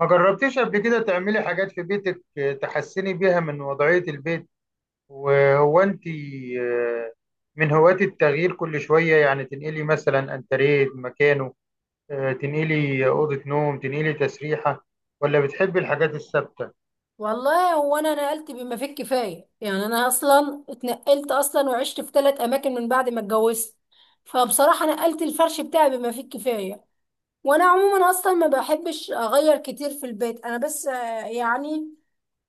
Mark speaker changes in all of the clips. Speaker 1: ما جربتيش قبل كده تعملي حاجات في بيتك تحسني بيها من وضعية البيت؟ وهو انت آه، من هواة التغيير كل شوية، يعني تنقلي مثلا انتريه مكانه، تنقلي أوضة نوم، تنقلي تسريحة، ولا بتحبي الحاجات الثابتة؟
Speaker 2: والله هو انا نقلت بما فيه الكفايه. يعني انا اصلا اتنقلت اصلا وعشت في 3 اماكن من بعد ما اتجوزت. فبصراحه نقلت الفرش بتاعي بما فيه الكفايه. وانا عموما اصلا ما بحبش اغير كتير في البيت، انا بس يعني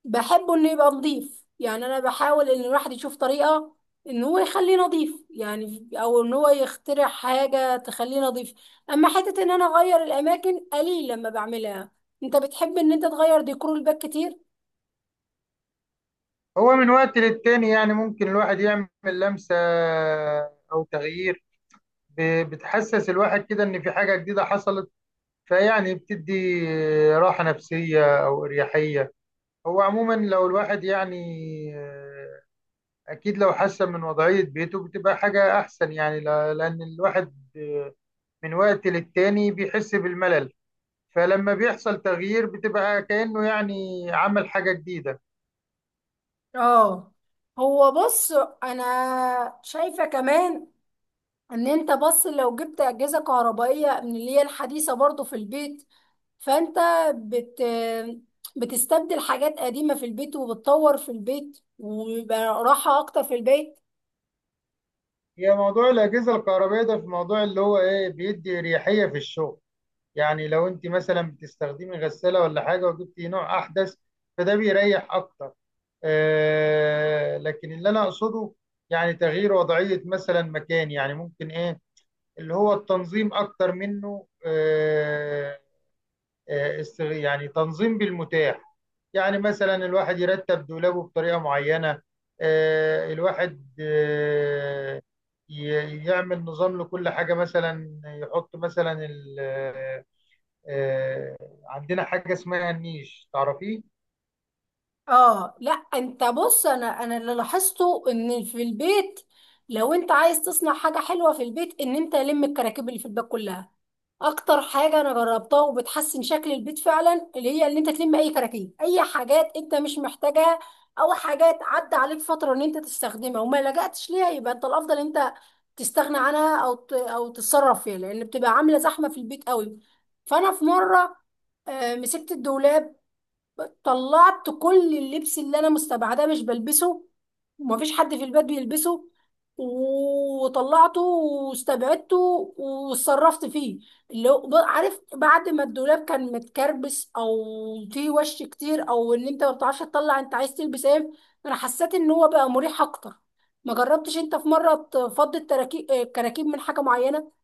Speaker 2: بحبه انه يبقى نظيف. يعني انا بحاول ان الواحد يشوف طريقه ان هو يخليه نظيف، يعني او ان هو يخترع حاجه تخليه نظيف. اما حته ان انا اغير الاماكن قليل لما بعملها. انت بتحب ان انت تغير ديكور البيت كتير؟
Speaker 1: هو من وقت للتاني يعني ممكن الواحد يعمل لمسة أو تغيير، بتحسس الواحد كده إن في حاجة جديدة حصلت. فيعني بتدي راحة نفسية أو إريحية. هو عموما لو الواحد يعني آه، اكيد لو حسن من وضعية بيته بتبقى حاجة احسن، يعني لان الواحد من وقت للتاني بيحس بالملل، فلما بيحصل تغيير بتبقى كأنه يعني عمل حاجة جديدة.
Speaker 2: اه، هو بص، انا شايفة كمان ان انت بص، لو جبت اجهزة كهربائية من اللي هي الحديثة برضو في البيت، فانت بت بتستبدل حاجات قديمة في البيت وبتطور في البيت، ويبقى راحة اكتر في البيت.
Speaker 1: هي موضوع الأجهزة الكهربائية ده في موضوع اللي هو ايه، بيدي اريحية في الشغل. يعني لو انت مثلا بتستخدمي غسالة ولا حاجة وجبتي نوع احدث فده بيريح اكتر. لكن اللي انا اقصده يعني تغيير وضعية مثلا مكان، يعني ممكن ايه، اللي هو التنظيم اكتر منه. يعني تنظيم بالمتاح. يعني مثلا الواحد يرتب دولابه بطريقة معينة، الواحد يعمل نظام لكل حاجة، مثلا يحط مثلا آه، عندنا حاجة اسمها النيش، تعرفيه؟
Speaker 2: اه لا، انت بص، انا اللي لاحظته ان في البيت، لو انت عايز تصنع حاجه حلوه في البيت، ان انت لم الكراكيب اللي في البيت كلها. اكتر حاجه انا جربتها وبتحسن شكل البيت فعلا، اللي هي اللي انت تلم اي كراكيب، اي حاجات انت مش محتاجها او حاجات عدى عليك فتره ان انت تستخدمها وما لجأتش ليها، يبقى انت الافضل انت تستغنى عنها او او تتصرف فيها، لان بتبقى عامله زحمه في البيت قوي. فانا في مره مسكت الدولاب، طلعت كل اللبس اللي انا مستبعداه مش بلبسه ومفيش حد في البيت بيلبسه، وطلعته واستبعدته واتصرفت فيه. اللي هو عارف، بعد ما الدولاب كان متكربس او فيه وش كتير او ان انت ما بتعرفش تطلع انت عايز تلبس ايه، انا حسيت ان هو بقى مريح اكتر. ما جربتش انت في مره تفضي التراكيب الكراكيب من حاجه معينه؟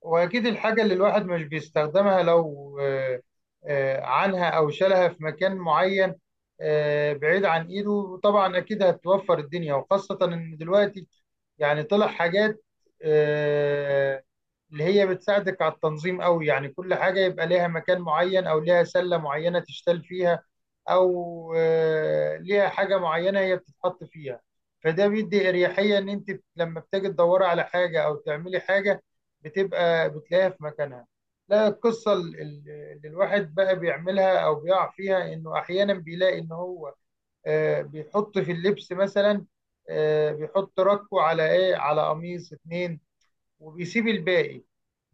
Speaker 1: واكيد الحاجه اللي الواحد مش بيستخدمها لو عنها او شالها في مكان معين بعيد عن ايده، طبعا اكيد هتوفر الدنيا، وخاصه ان دلوقتي يعني طلع حاجات آه، اللي هي بتساعدك على التنظيم قوي. يعني كل حاجه يبقى ليها مكان معين، او ليها سله معينه تشتال فيها، او ليها حاجه معينه هي بتتحط فيها. فده بيدي اريحيه ان انت لما بتيجي تدوري على حاجه او تعملي حاجه بتبقى بتلاقيها في مكانها. لا، القصة اللي الواحد بقى بيعملها أو بيقع فيها إنه أحيانا بيلاقي إن هو بيحط في اللبس مثلا، بيحط ركوة على إيه، على قميص اتنين، وبيسيب الباقي.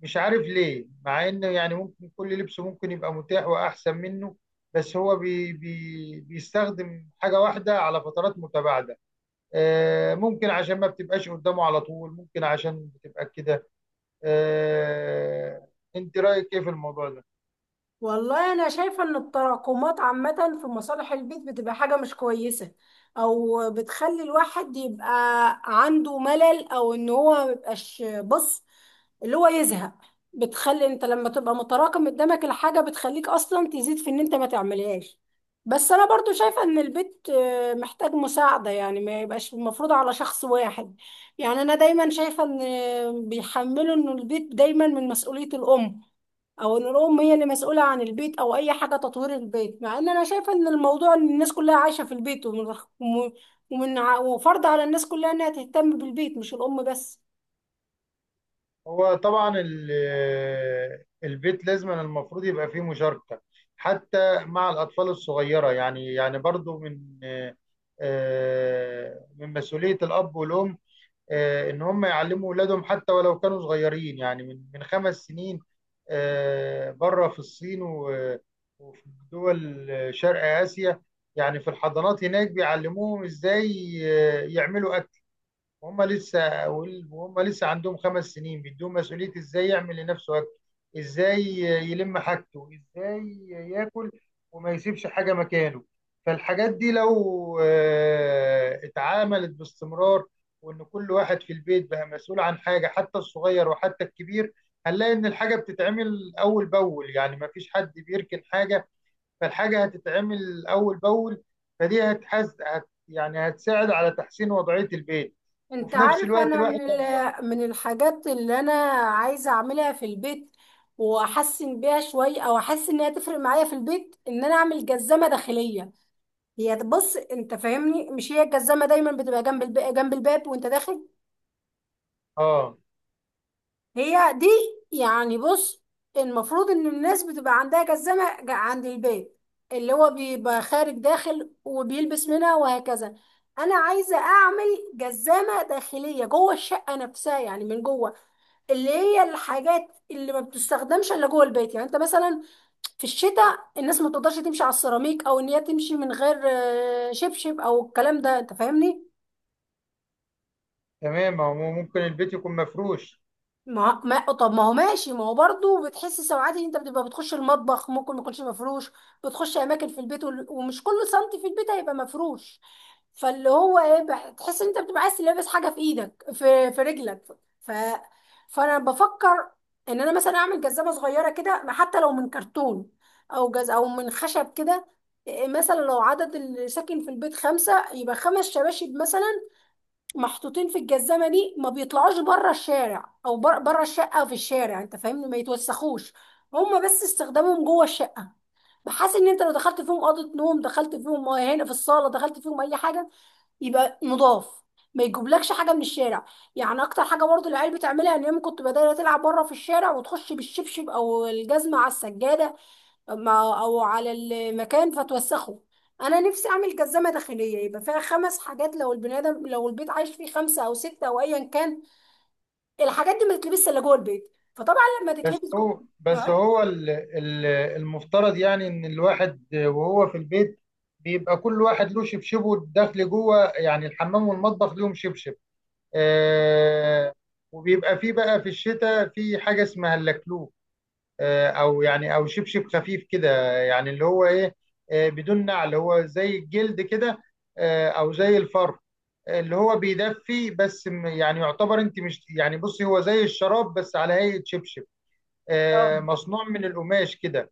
Speaker 1: مش عارف ليه، مع إنه يعني ممكن كل لبس ممكن يبقى متاح وأحسن منه، بس هو بي بي بيستخدم حاجة واحدة على فترات متباعدة. ممكن عشان ما بتبقاش قدامه على طول، ممكن عشان بتبقى كده. آه، انت رايك ايه في الموضوع ده؟
Speaker 2: والله انا شايفه ان التراكمات عامه في مصالح البيت بتبقى حاجه مش كويسه، او بتخلي الواحد يبقى عنده ملل او ان هو ميبقاش بص، اللي هو يزهق. بتخلي انت لما تبقى متراكم قدامك الحاجه بتخليك اصلا تزيد في ان انت ما تعملهاش. بس انا برضو شايفه ان البيت محتاج مساعده، يعني ما يبقاش المفروض على شخص واحد. يعني انا دايما شايفه ان بيحملوا ان البيت دايما من مسؤوليه الام، او ان الام هي اللي مسؤوله عن البيت او اي حاجه تطوير البيت، مع ان انا شايفه ان الموضوع ان الناس كلها عايشه في البيت وم- ومن وفرض على الناس كلها انها تهتم بالبيت مش الام بس.
Speaker 1: هو طبعا البيت لازم المفروض يبقى فيه مشاركه حتى مع الاطفال الصغيره، يعني يعني برضو من من مسؤوليه الاب والام، ان هم يعلموا اولادهم حتى ولو كانوا صغيرين، يعني من خمس سنين. بره في الصين و- وفي دول شرق اسيا، يعني في الحضانات هناك بيعلموهم ازاي يعملوا، وهم لسه عندهم خمس سنين بيدوهم مسؤولية ازاي يعمل لنفسه اكل، ازاي يلم حاجته، ازاي ياكل، وما يسيبش حاجة مكانه. فالحاجات دي لو اتعاملت باستمرار، وان كل واحد في البيت بقى مسؤول عن حاجة، حتى الصغير وحتى الكبير، هنلاقي ان الحاجة بتتعمل اول باول، يعني ما فيش حد بيركن حاجة، فالحاجة هتتعمل أول بأول. فدي هتحز هت يعني هتساعد على تحسين وضعية البيت.
Speaker 2: انت
Speaker 1: وفي نفس
Speaker 2: عارف،
Speaker 1: الوقت
Speaker 2: انا
Speaker 1: الواحد
Speaker 2: من الحاجات اللي انا عايزه اعملها في البيت واحسن بيها شويه او احس انها تفرق معايا في البيت ان انا اعمل جزمه داخليه. هي بص، انت فاهمني مش هي الجزمه دايما بتبقى جنب الباب وانت داخل؟
Speaker 1: اه،
Speaker 2: هي دي. يعني بص، المفروض ان الناس بتبقى عندها جزمة عند البيت، اللي هو بيبقى خارج داخل وبيلبس منها وهكذا. انا عايزة اعمل جزمة داخلية جوه الشقة نفسها، يعني من جوه. اللي هي الحاجات اللي ما بتستخدمش الا جوه البيت، يعني انت مثلا في الشتاء الناس ما تقدرش تمشي على السيراميك او ان هي تمشي من غير شبشب او الكلام ده، انت فاهمني.
Speaker 1: تمام، هو ممكن البيت يكون مفروش.
Speaker 2: ما طب ما هو ماشي، ما هو برضه بتحس ساعات ان انت بتبقى بتخش المطبخ ممكن ما يكونش مفروش، بتخش اماكن في البيت ومش كل سنتي في البيت هيبقى مفروش، فاللي هو ايه، تحس ان انت بتبقى عايز تلبس حاجه في ايدك، في رجلك. ف فانا بفكر ان انا مثلا اعمل جزمه صغيره كده، ما حتى لو من كرتون او من خشب كده. إيه، مثلا لو عدد اللي ساكن في البيت 5، يبقى 5 شباشب مثلا محطوطين في الجزمه دي، ما بيطلعوش بره الشارع او بره الشقه او في الشارع، انت فاهمني، ما يتوسخوش. هما بس استخدامهم جوه الشقه، بحيث ان انت لو دخلت فيهم اوضه نوم، دخلت فيهم هنا في الصاله، دخلت فيهم اي حاجه، يبقى نضاف، ما يجيبلكش حاجه من الشارع. يعني اكتر حاجه برضه العيال بتعملها ان هي كنت بدأت تلعب بره في الشارع، وتخش بالشبشب او الجزمه على السجاده او على المكان فتوسخه. انا نفسي اعمل جزمه داخليه يبقى فيها 5 حاجات، لو البني ادم، لو البيت عايش فيه 5 او 6 او ايا كان، الحاجات دي ما تتلبسش الا جوه البيت، فطبعا لما
Speaker 1: بس
Speaker 2: تتلبس جوه.
Speaker 1: هو المفترض يعني إن الواحد وهو في البيت بيبقى كل واحد له شبشبه داخل جوه، يعني الحمام والمطبخ ليهم شبشب. آه، وبيبقى فيه بقى في الشتاء في حاجة اسمها اللكلوك، او يعني او شبشب خفيف كده، يعني اللي هو ايه، بدون نعل، هو زي الجلد كده، او زي الفر، اللي هو بيدفي بس. يعني يعتبر انت مش، يعني بصي هو زي الشراب بس على هيئة شبشب،
Speaker 2: اه،
Speaker 1: مصنوع من القماش كده.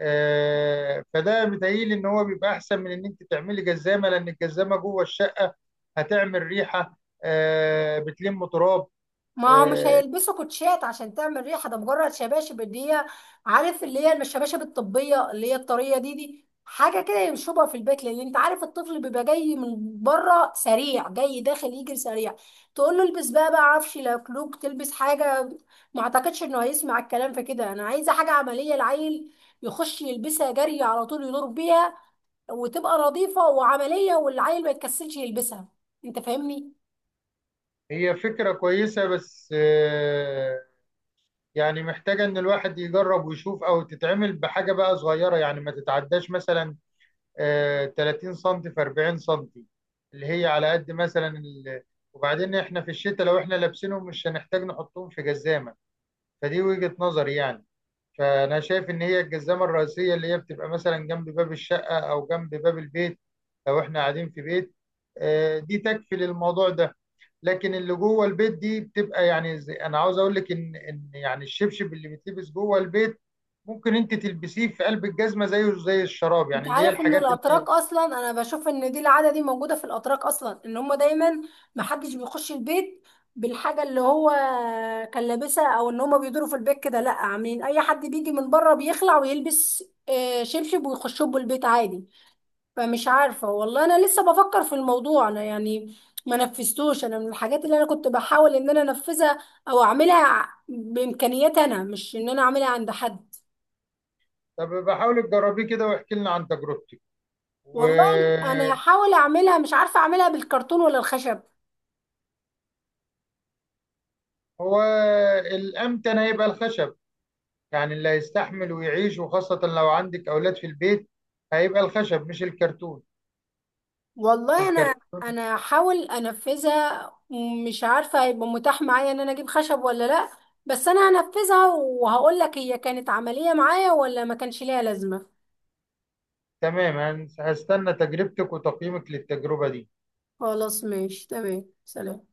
Speaker 1: فده متهيألي ان هو بيبقى احسن من ان انت تعملي جزامة، لان الجزامة جوه الشقة هتعمل ريحة، بتلم تراب.
Speaker 2: ما هو مش
Speaker 1: آه،
Speaker 2: هيلبسوا كوتشات عشان تعمل ريحه، ده مجرد شباشب اللي هي، عارف، اللي هي الشباشب الطبيه اللي هي الطريه دي، حاجه كده يشربها في البيت، لان انت عارف الطفل بيبقى جاي من بره سريع، جاي داخل يجري سريع، تقول له البس بقى عفش لكلوك تلبس حاجه، ما اعتقدش انه هيسمع الكلام في كده. انا عايزه حاجه عمليه، العيل يخش يلبسها جري على طول يدور بيها، وتبقى نظيفه وعمليه، والعيل ما يتكسلش يلبسها، انت فاهمني.
Speaker 1: هي فكرة كويسة، بس يعني محتاجة إن الواحد يجرب ويشوف، أو تتعمل بحاجة بقى صغيرة، يعني ما تتعداش مثلا 30 سم في 40 سم، اللي هي على قد مثلا ال... وبعدين إحنا في الشتاء لو إحنا لابسينهم مش هنحتاج نحطهم في جزامة. فدي وجهة نظري يعني. فانا شايف ان هي الجزامه الرئيسيه اللي هي بتبقى مثلا جنب باب الشقه او جنب باب البيت، لو احنا قاعدين في بيت، دي تكفي للموضوع ده. لكن اللي جوه البيت دي بتبقى، يعني زي انا عاوز اقول لك ان يعني الشبشب اللي بيتلبس جوه البيت ممكن انت تلبسيه في قلب الجزمه، زيه زي الشراب،
Speaker 2: انت
Speaker 1: يعني اللي هي
Speaker 2: عارف ان
Speaker 1: الحاجات اللي...
Speaker 2: الاتراك اصلا، انا بشوف ان دي العاده دي موجوده في الاتراك اصلا، ان هم دايما ما حدش بيخش البيت بالحاجه اللي هو كان لابسها، او ان هم بيدوروا في البيت كده لا، عاملين اي حد بيجي من بره بيخلع ويلبس شبشب ويخشوا البيت عادي. فمش عارفه والله، انا لسه بفكر في الموضوع، انا يعني ما نفذتوش. انا من الحاجات اللي انا كنت بحاول ان انا انفذها او اعملها بامكانياتي انا، مش ان انا اعملها عند حد.
Speaker 1: طب بحاول تجربيه كده واحكي لنا عن تجربتك
Speaker 2: والله انا
Speaker 1: وهو.
Speaker 2: هحاول اعملها، مش عارفه اعملها بالكرتون ولا الخشب.
Speaker 1: الامتن هيبقى الخشب، يعني اللي هيستحمل ويعيش، وخاصة لو عندك أولاد في البيت، هيبقى الخشب مش الكرتون.
Speaker 2: والله انا
Speaker 1: الكرتون...
Speaker 2: انا هحاول انفذها، مش عارفه هيبقى متاح معايا ان انا اجيب خشب ولا لا، بس انا هنفذها وهقول لك هي كانت عمليه معايا ولا ما كانش ليها لازمه.
Speaker 1: تمام، هستنى تجربتك وتقييمك للتجربة دي.
Speaker 2: خلاص، ماشي تمام، سلام.